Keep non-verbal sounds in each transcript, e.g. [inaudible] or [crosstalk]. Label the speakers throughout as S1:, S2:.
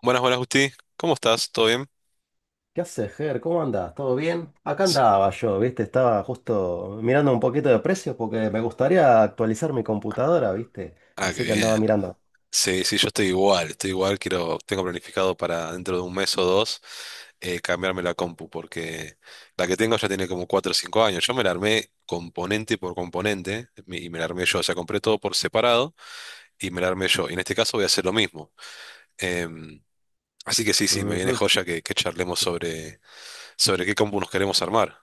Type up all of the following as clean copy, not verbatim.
S1: Buenas, buenas, Justi. ¿Cómo estás? ¿Todo bien?
S2: ¿Qué haces, Ger? ¿Cómo andás? ¿Todo bien? Acá
S1: S-
S2: andaba yo, ¿viste? Estaba justo mirando un poquito de precios porque me gustaría actualizar mi computadora, ¿viste?
S1: Ah, qué
S2: Así que
S1: bien.
S2: andaba mirando.
S1: Sí, sí, yo estoy igual, estoy igual. Tengo planificado para dentro de un mes o dos cambiarme la compu, porque la que tengo ya tiene como 4 o 5 años. Yo me la armé componente por componente y me la armé yo. O sea, compré todo por separado y me la armé yo. Y en este caso voy a hacer lo mismo. Em, así que sí, sí, me viene
S2: Ujú.
S1: joya que charlemos sobre qué compu nos queremos armar.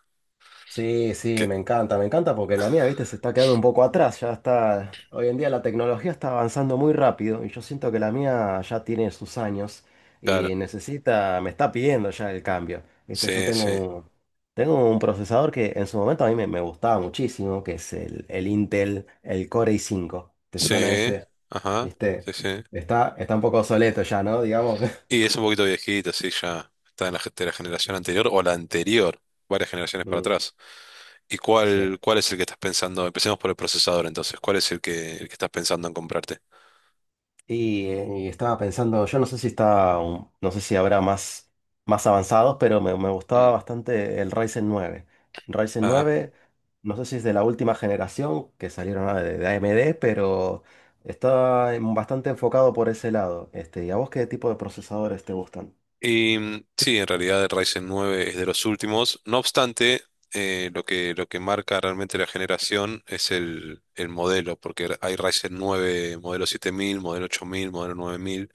S2: Sí, sí,
S1: Que,
S2: me encanta porque la mía, viste, se está quedando un poco atrás, ya está. Hoy en día la tecnología está avanzando muy rápido y yo siento que la mía ya tiene sus años
S1: claro.
S2: y necesita, me está pidiendo ya el cambio, viste. Yo
S1: Sí,
S2: tengo
S1: sí.
S2: un procesador que en su momento a mí me gustaba muchísimo, que es el Intel, el Core i5, ¿te suena
S1: Sí.
S2: ese?
S1: Ajá.
S2: Viste,
S1: Sí, sí.
S2: está un poco obsoleto ya, ¿no? Digamos. [laughs]
S1: Y es un poquito viejito, sí, ya está en de la generación anterior o la anterior, varias generaciones para
S2: Mm,
S1: atrás. ¿Y
S2: sí.
S1: cuál es el que estás pensando? Empecemos por el procesador entonces. ¿Cuál es el que estás pensando en comprarte?
S2: Y estaba pensando, yo no sé si está, no sé si habrá más avanzados, pero me gustaba
S1: Mm,
S2: bastante el Ryzen 9. Ryzen
S1: ajá.
S2: nueve no sé si es de la última generación que salieron, de AMD, pero está bastante enfocado por ese lado. Este, ¿y a vos qué tipo de procesadores te gustan?
S1: Y mm, sí, en realidad el Ryzen 9 es de los últimos. No obstante, lo que marca realmente la generación es el modelo, porque hay Ryzen 9 modelo 7000, modelo 8000, modelo 9000.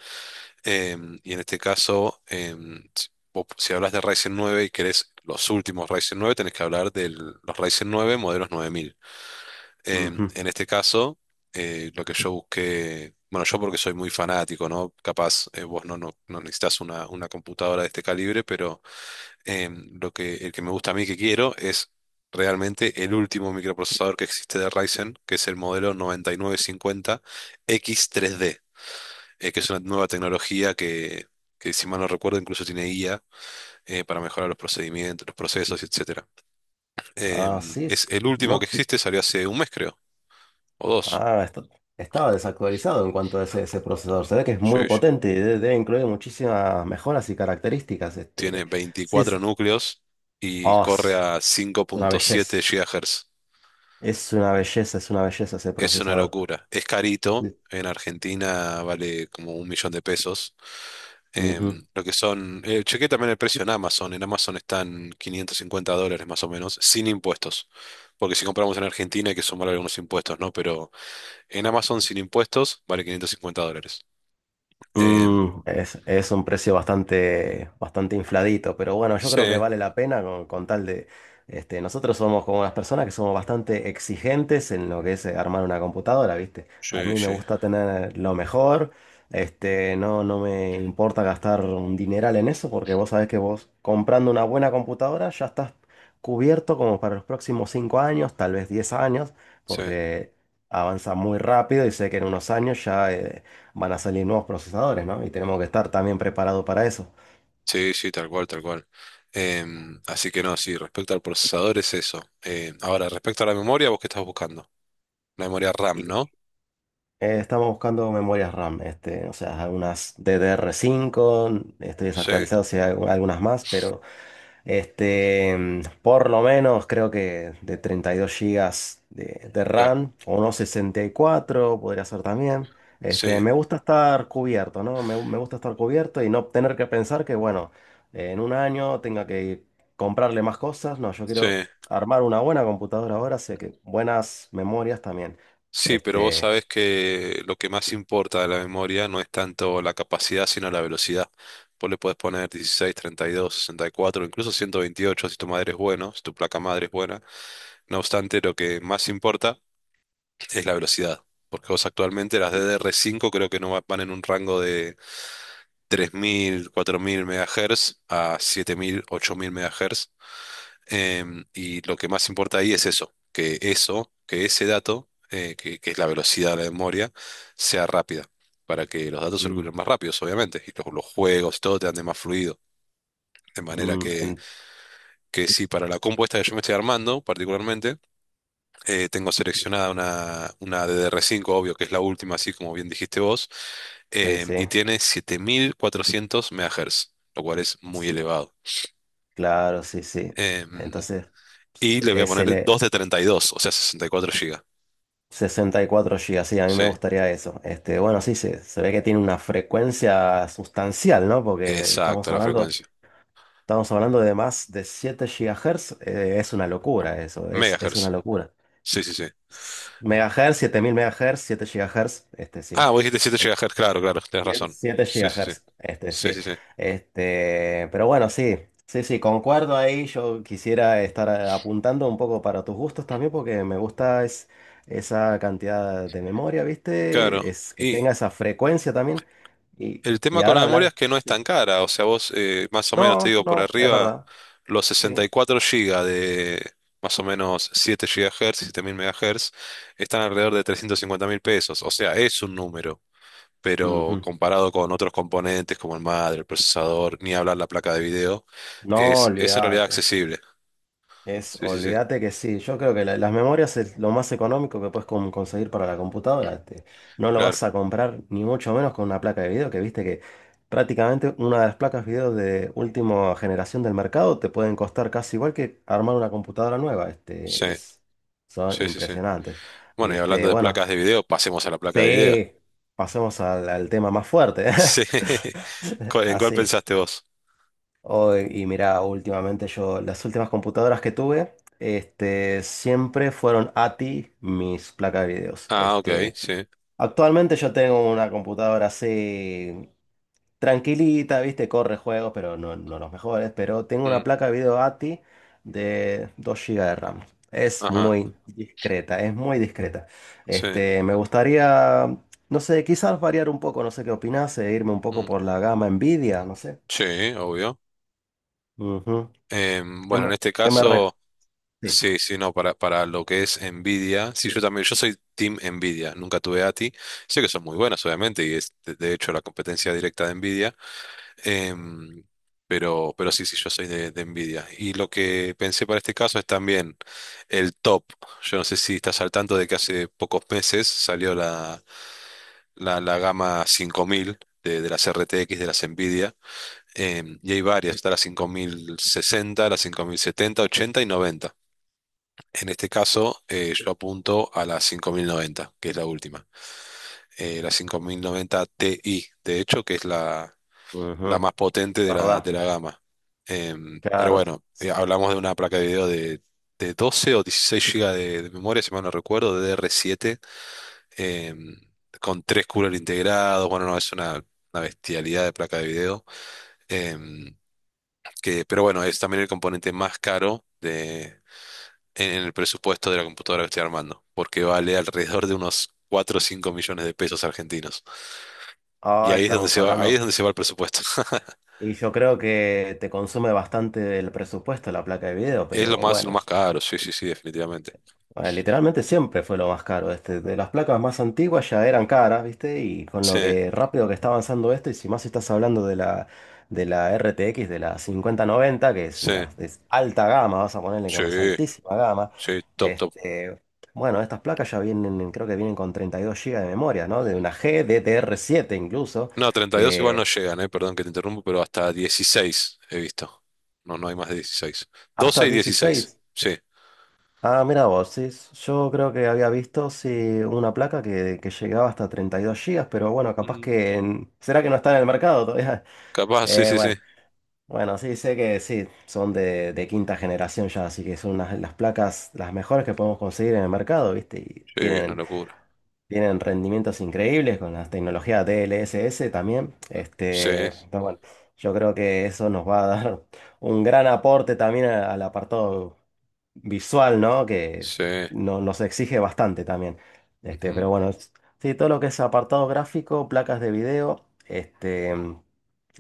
S1: Y en este caso, si hablas de Ryzen 9 y querés los últimos Ryzen 9, tenés que hablar de los Ryzen 9 modelos 9000.
S2: Ujú.
S1: En este caso, lo que yo busqué, bueno, yo porque soy muy fanático, ¿no? Capaz vos no, no, no necesitas una computadora de este calibre, pero el que me gusta a mí que quiero es realmente el último microprocesador que existe de Ryzen, que es el modelo 9950X3D que es una nueva tecnología que, si mal no recuerdo, incluso tiene IA para mejorar los procedimientos, los procesos, etcétera.
S2: Ah, sí,
S1: Es el último que
S2: no.
S1: existe, salió hace un mes, creo, o dos.
S2: Ah, estaba desactualizado en cuanto a ese, ese procesador. Se ve que es muy
S1: Sí, sí.
S2: potente y debe incluir muchísimas mejoras y características.
S1: Tiene
S2: Este, sí.
S1: veinticuatro núcleos y
S2: Oh,
S1: corre
S2: es
S1: a cinco
S2: una
S1: punto
S2: belleza.
S1: siete GHz.
S2: Es una belleza, es una belleza ese
S1: Es una
S2: procesador.
S1: locura. Es
S2: Mm.
S1: carito. En Argentina vale como un millón de pesos.
S2: Ujú.
S1: Chequé también el precio en Amazon. En Amazon están $550 más o menos, sin impuestos. Porque si compramos en Argentina hay que sumar algunos impuestos, ¿no? Pero en Amazon sin impuestos vale $550. Em,
S2: Es un precio bastante, bastante infladito, pero bueno, yo
S1: sí,
S2: creo que vale la pena con tal de. Este, nosotros somos como unas personas que somos bastante exigentes en lo que es, armar una computadora, ¿viste? A
S1: sí,
S2: mí me
S1: sí,
S2: gusta tener lo mejor. Este, no, no me importa gastar un dineral en eso, porque vos sabés que vos comprando una buena computadora ya estás cubierto como para los próximos 5 años, tal vez 10 años,
S1: sí,
S2: porque avanza muy rápido y sé que en unos años ya, van a salir nuevos procesadores, ¿no? Y tenemos que estar también preparados para eso.
S1: sí, sí, tal cual, tal cual. Así que no, sí, respecto al procesador es eso. Ahora, respecto a la memoria, ¿vos qué estás buscando? La memoria
S2: Y
S1: RAM, ¿no?
S2: eh, estamos buscando memorias RAM, este, o sea, algunas DDR5, estoy
S1: Sí,
S2: desactualizado si hay algunas más, pero. Este, por lo menos creo que de 32 gigas de
S1: claro,
S2: RAM o unos 64 podría ser también. Este,
S1: sí,
S2: me gusta estar cubierto, ¿no? Me gusta estar cubierto y no tener que pensar que, bueno, en un año tenga que comprarle más cosas. No, yo
S1: sí.
S2: quiero armar una buena computadora ahora, sé que buenas memorias también.
S1: Sí, pero vos
S2: Este,
S1: sabés que lo que más importa de la memoria no es tanto la capacidad, sino la velocidad. Vos le podés poner 16, 32, 64, incluso 128 si tu madre es bueno, si tu placa madre es buena. No obstante, lo que más importa es la velocidad, porque vos actualmente las DDR5 creo que no va- van en un rango de 3000, 4000 MHz a 7000, 8000 MHz. Y lo que más importa ahí es eso, que ese dato, que es la velocidad de la memoria, sea rápida, para que los datos
S2: mm,
S1: circulen más rápidos, obviamente, y los juegos, todo te ande más fluido. De manera
S2: mm, en-
S1: que sí, para la compuesta que yo me estoy armando, particularmente, tengo seleccionada una ddr cinco, obvio, que es la última, así como bien dijiste vos,
S2: sí,
S1: y
S2: sí,
S1: tiene 7400 MHz, lo cual es muy
S2: sí,
S1: elevado.
S2: claro, sí, sí.
S1: Em,
S2: Entonces,
S1: y le voy a
S2: es
S1: poner 2 de 32, o sea, 64 GB.
S2: 64 gigas, sí, a mí
S1: Sí,
S2: me gustaría eso. Este, bueno, sí, se ve que tiene una frecuencia sustancial, ¿no? Porque estamos
S1: exacto, la
S2: hablando,
S1: frecuencia.
S2: estamos hablando de más de 7 GHz, es una locura eso, es una
S1: Megahertz.
S2: locura.
S1: Sí, sí, sí.
S2: Megahertz, 7000 MHz, 7 GHz, este sí,
S1: Ah, vos dijiste 7 gigahertz, claro, claro, tenés razón.
S2: siete
S1: Sí, sí, sí.
S2: GHz, este
S1: Sí,
S2: sí.
S1: sí, sí.
S2: Este, pero bueno, sí, sí, sí, concuerdo ahí. Yo quisiera estar, apuntando un poco para tus gustos también, porque me gusta, esa cantidad de memoria,
S1: Claro.
S2: ¿viste? Es que
S1: Y
S2: tenga esa frecuencia también. Y,
S1: el
S2: y
S1: tema con la
S2: ahora
S1: memoria
S2: hablar.
S1: es que no es tan
S2: Sí.
S1: cara. O sea, vos más o menos, te
S2: No,
S1: digo, por
S2: no, es
S1: arriba,
S2: verdad.
S1: los
S2: Sí.
S1: 64 gigas de más o menos 7 GHz, mil megahertz, están alrededor de 350 mil pesos. O sea, es un número. Pero
S2: Ujú.
S1: comparado con otros componentes como el madre, el procesador, ni hablar la placa de video,
S2: No,
S1: es en realidad
S2: olvídate.
S1: accesible. Sí, sí, sí.
S2: Olvídate que sí, yo creo que las memorias es lo más económico que puedes conseguir para la computadora. No lo vas
S1: Claro,
S2: a comprar ni mucho menos con una placa de video, que viste que prácticamente una de las placas video de última generación del mercado te pueden costar casi igual que armar una computadora nueva.
S1: sí,
S2: Este, son
S1: sí, sí, sí.
S2: impresionantes.
S1: Bueno, y hablando
S2: Este,
S1: de
S2: bueno,
S1: placas de video, pasemos a la placa de video.
S2: sí,
S1: [laughs]
S2: pasemos al tema más fuerte.
S1: Sí.
S2: [laughs]
S1: ¿En cuál
S2: Así.
S1: pensaste vos?
S2: Oh, y mira, últimamente las últimas computadoras que tuve, este, siempre fueron ATI mis placas de videos.
S1: Ah, ok,
S2: Este,
S1: sí.
S2: actualmente yo tengo una computadora así tranquilita, viste, corre juegos, pero no, no los mejores, pero tengo una
S1: Mm,
S2: placa de video ATI de 2 gigas de RAM. Es
S1: ajá,
S2: muy discreta, es muy discreta.
S1: sí.
S2: Este, me gustaría, no sé, quizás variar un poco, no sé qué opinás, e irme un poco
S1: Mm,
S2: por la gama Nvidia, no sé.
S1: sí, obvio.
S2: Ujú. ¿Qué
S1: Bueno,
S2: me,
S1: en este
S2: qué me re-
S1: caso,
S2: Sí.
S1: sí, sí, no, para lo que es Nvidia, sí, yo también, yo soy Team Nvidia, nunca tuve ATI. Sé que son muy buenas, obviamente, y es de hecho la competencia directa de Nvidia. Em, pero sí, sí, yo soy de Nvidia. Y lo que pensé para este caso es también el top. Yo no sé si estás al tanto de que hace pocos meses salió la gama 5000 de las RTX de las Nvidia. Y hay varias, está la 5060, la 5070, 80 y 90. En este caso, yo apunto a la 5090, que es la última. La 5090 Ti, de hecho, que es la la
S2: Ujú,
S1: más potente de
S2: ¿verdad?
S1: de la gama. Pero
S2: Claro.
S1: bueno, hablamos de una placa de video de 12 o 16 GB de memoria, si mal no recuerdo, de DDR7, em, con tres coolers integrados. Bueno, no, es una bestialidad de placa de video. em, pero bueno, es también el componente más caro en el presupuesto de la computadora que estoy armando, porque vale alrededor de unos 4 o 5 millones de pesos argentinos. Y
S2: Ah,
S1: ahí es donde
S2: estamos
S1: se va, ahí es
S2: hablando.
S1: donde se va el presupuesto. [laughs]
S2: Y yo creo que te consume bastante del presupuesto la placa de video,
S1: Es
S2: pero
S1: lo
S2: bueno.
S1: más caro, sí, sí, sí, definitivamente.
S2: Ah, literalmente siempre fue lo más caro. Este, de las placas más antiguas ya eran caras, ¿viste? Y con
S1: Sí,
S2: lo que rápido que está avanzando esto, y si más estás hablando de la RTX, de la 5090 que es
S1: sí,
S2: una de alta gama, vas a ponerle como es
S1: sí,
S2: altísima gama.
S1: sí, top, top.
S2: Este, bueno, estas placas ya vienen, creo que vienen con 32 GB de memoria, ¿no? De una G GDDR7 incluso,
S1: No, 32 igual
S2: que
S1: no llegan, perdón que te interrumpo, pero hasta 16 he visto. No, no hay más de 16.
S2: hasta
S1: 12 y 16,
S2: 16.
S1: sí.
S2: Ah, mira vos, sí, yo creo que había visto sí, una placa que llegaba hasta 32 gigas, pero bueno, capaz
S1: Mm,
S2: que, ¿será que no está en el mercado todavía? [laughs]
S1: capaz, sí,
S2: Eh,
S1: sí, sí.
S2: bueno, bueno, sí, sé que sí, son de quinta generación ya, así que son las placas las mejores que podemos conseguir en el mercado, ¿viste? Y
S1: Sí, una
S2: tienen
S1: locura.
S2: tienen rendimientos increíbles con las tecnologías DLSS también.
S1: Sí,
S2: Este, pero bueno, yo creo que eso nos va a dar un gran aporte también al apartado visual, ¿no? Que
S1: sí,
S2: nos exige bastante también. Este,
S1: ujú,
S2: pero bueno, sí, todo lo que es apartado gráfico, placas de video, este,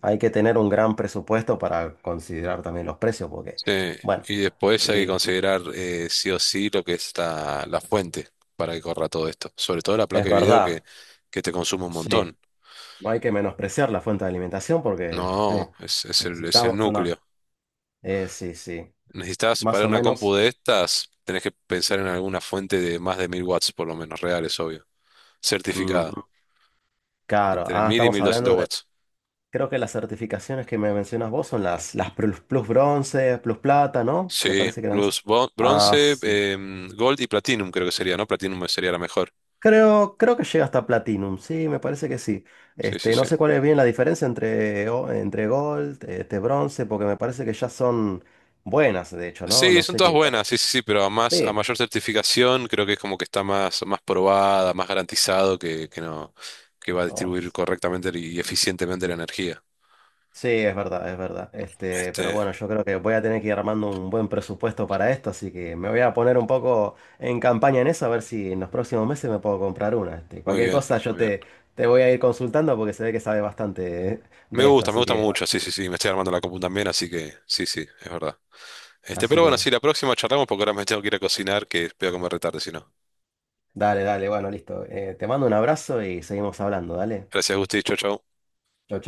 S2: hay que tener un gran presupuesto para considerar también los precios, porque,
S1: sí.
S2: bueno,
S1: Y después hay que
S2: y
S1: considerar sí o sí lo que es la fuente para que corra todo esto. Sobre todo la
S2: es
S1: placa de video
S2: verdad,
S1: que te consume un
S2: sí.
S1: montón.
S2: No hay que menospreciar la fuente de alimentación porque
S1: No, es es el
S2: necesitamos una.
S1: núcleo.
S2: Sí, sí,
S1: Necesitas
S2: más
S1: para
S2: o
S1: una compu
S2: menos.
S1: de estas, tenés que pensar en alguna fuente de más de 1000 watts, por lo menos, reales, obvio. Certificada.
S2: Ujú. Claro,
S1: Entre
S2: ah,
S1: 1000 y
S2: estamos
S1: 1200
S2: hablando de.
S1: watts.
S2: Creo que las certificaciones que me mencionas vos son las plus, bronce, plus plata, ¿no? Me
S1: Sí,
S2: parece que eran esas. Ah,
S1: bronce,
S2: sí.
S1: em, gold y platinum creo que sería, ¿no? Platinum sería la mejor.
S2: Creo, creo que llega hasta platinum, sí, me parece que sí.
S1: Sí, sí,
S2: Este, no
S1: sí.
S2: sé cuál es bien la diferencia entre gold, este, bronce, porque me parece que ya son buenas, de hecho, ¿no?
S1: Sí,
S2: No
S1: son
S2: sé
S1: todas
S2: qué, cuál es.
S1: buenas, sí, sí, sí, pero a
S2: Sí.
S1: mayor certificación creo que es como que está más, más probada, más garantizado que no, que va a
S2: Oh,
S1: distribuir correctamente y eficientemente la energía.
S2: sí, es verdad, es verdad. Este, pero
S1: Este,
S2: bueno, yo creo que voy a tener que ir armando un buen presupuesto para esto, así que me voy a poner un poco en campaña en eso, a ver si en los próximos meses me puedo comprar una. Este,
S1: muy
S2: cualquier
S1: bien,
S2: cosa yo
S1: muy bien.
S2: te voy a ir consultando porque se ve que sabe bastante de esto,
S1: Me
S2: así
S1: gusta
S2: que bueno,
S1: mucho, sí, sí, sí, me estoy armando la compu también, así que sí, sí, es verdad. Este,
S2: así
S1: pero bueno, sí,
S2: que
S1: la próxima charlamos porque ahora me tengo que ir a cocinar, que voy a comer retarde, si no.
S2: dale, dale, bueno, listo. Te mando un abrazo y seguimos hablando, dale.
S1: Gracias, Gusti, chau, chau.
S2: Chau,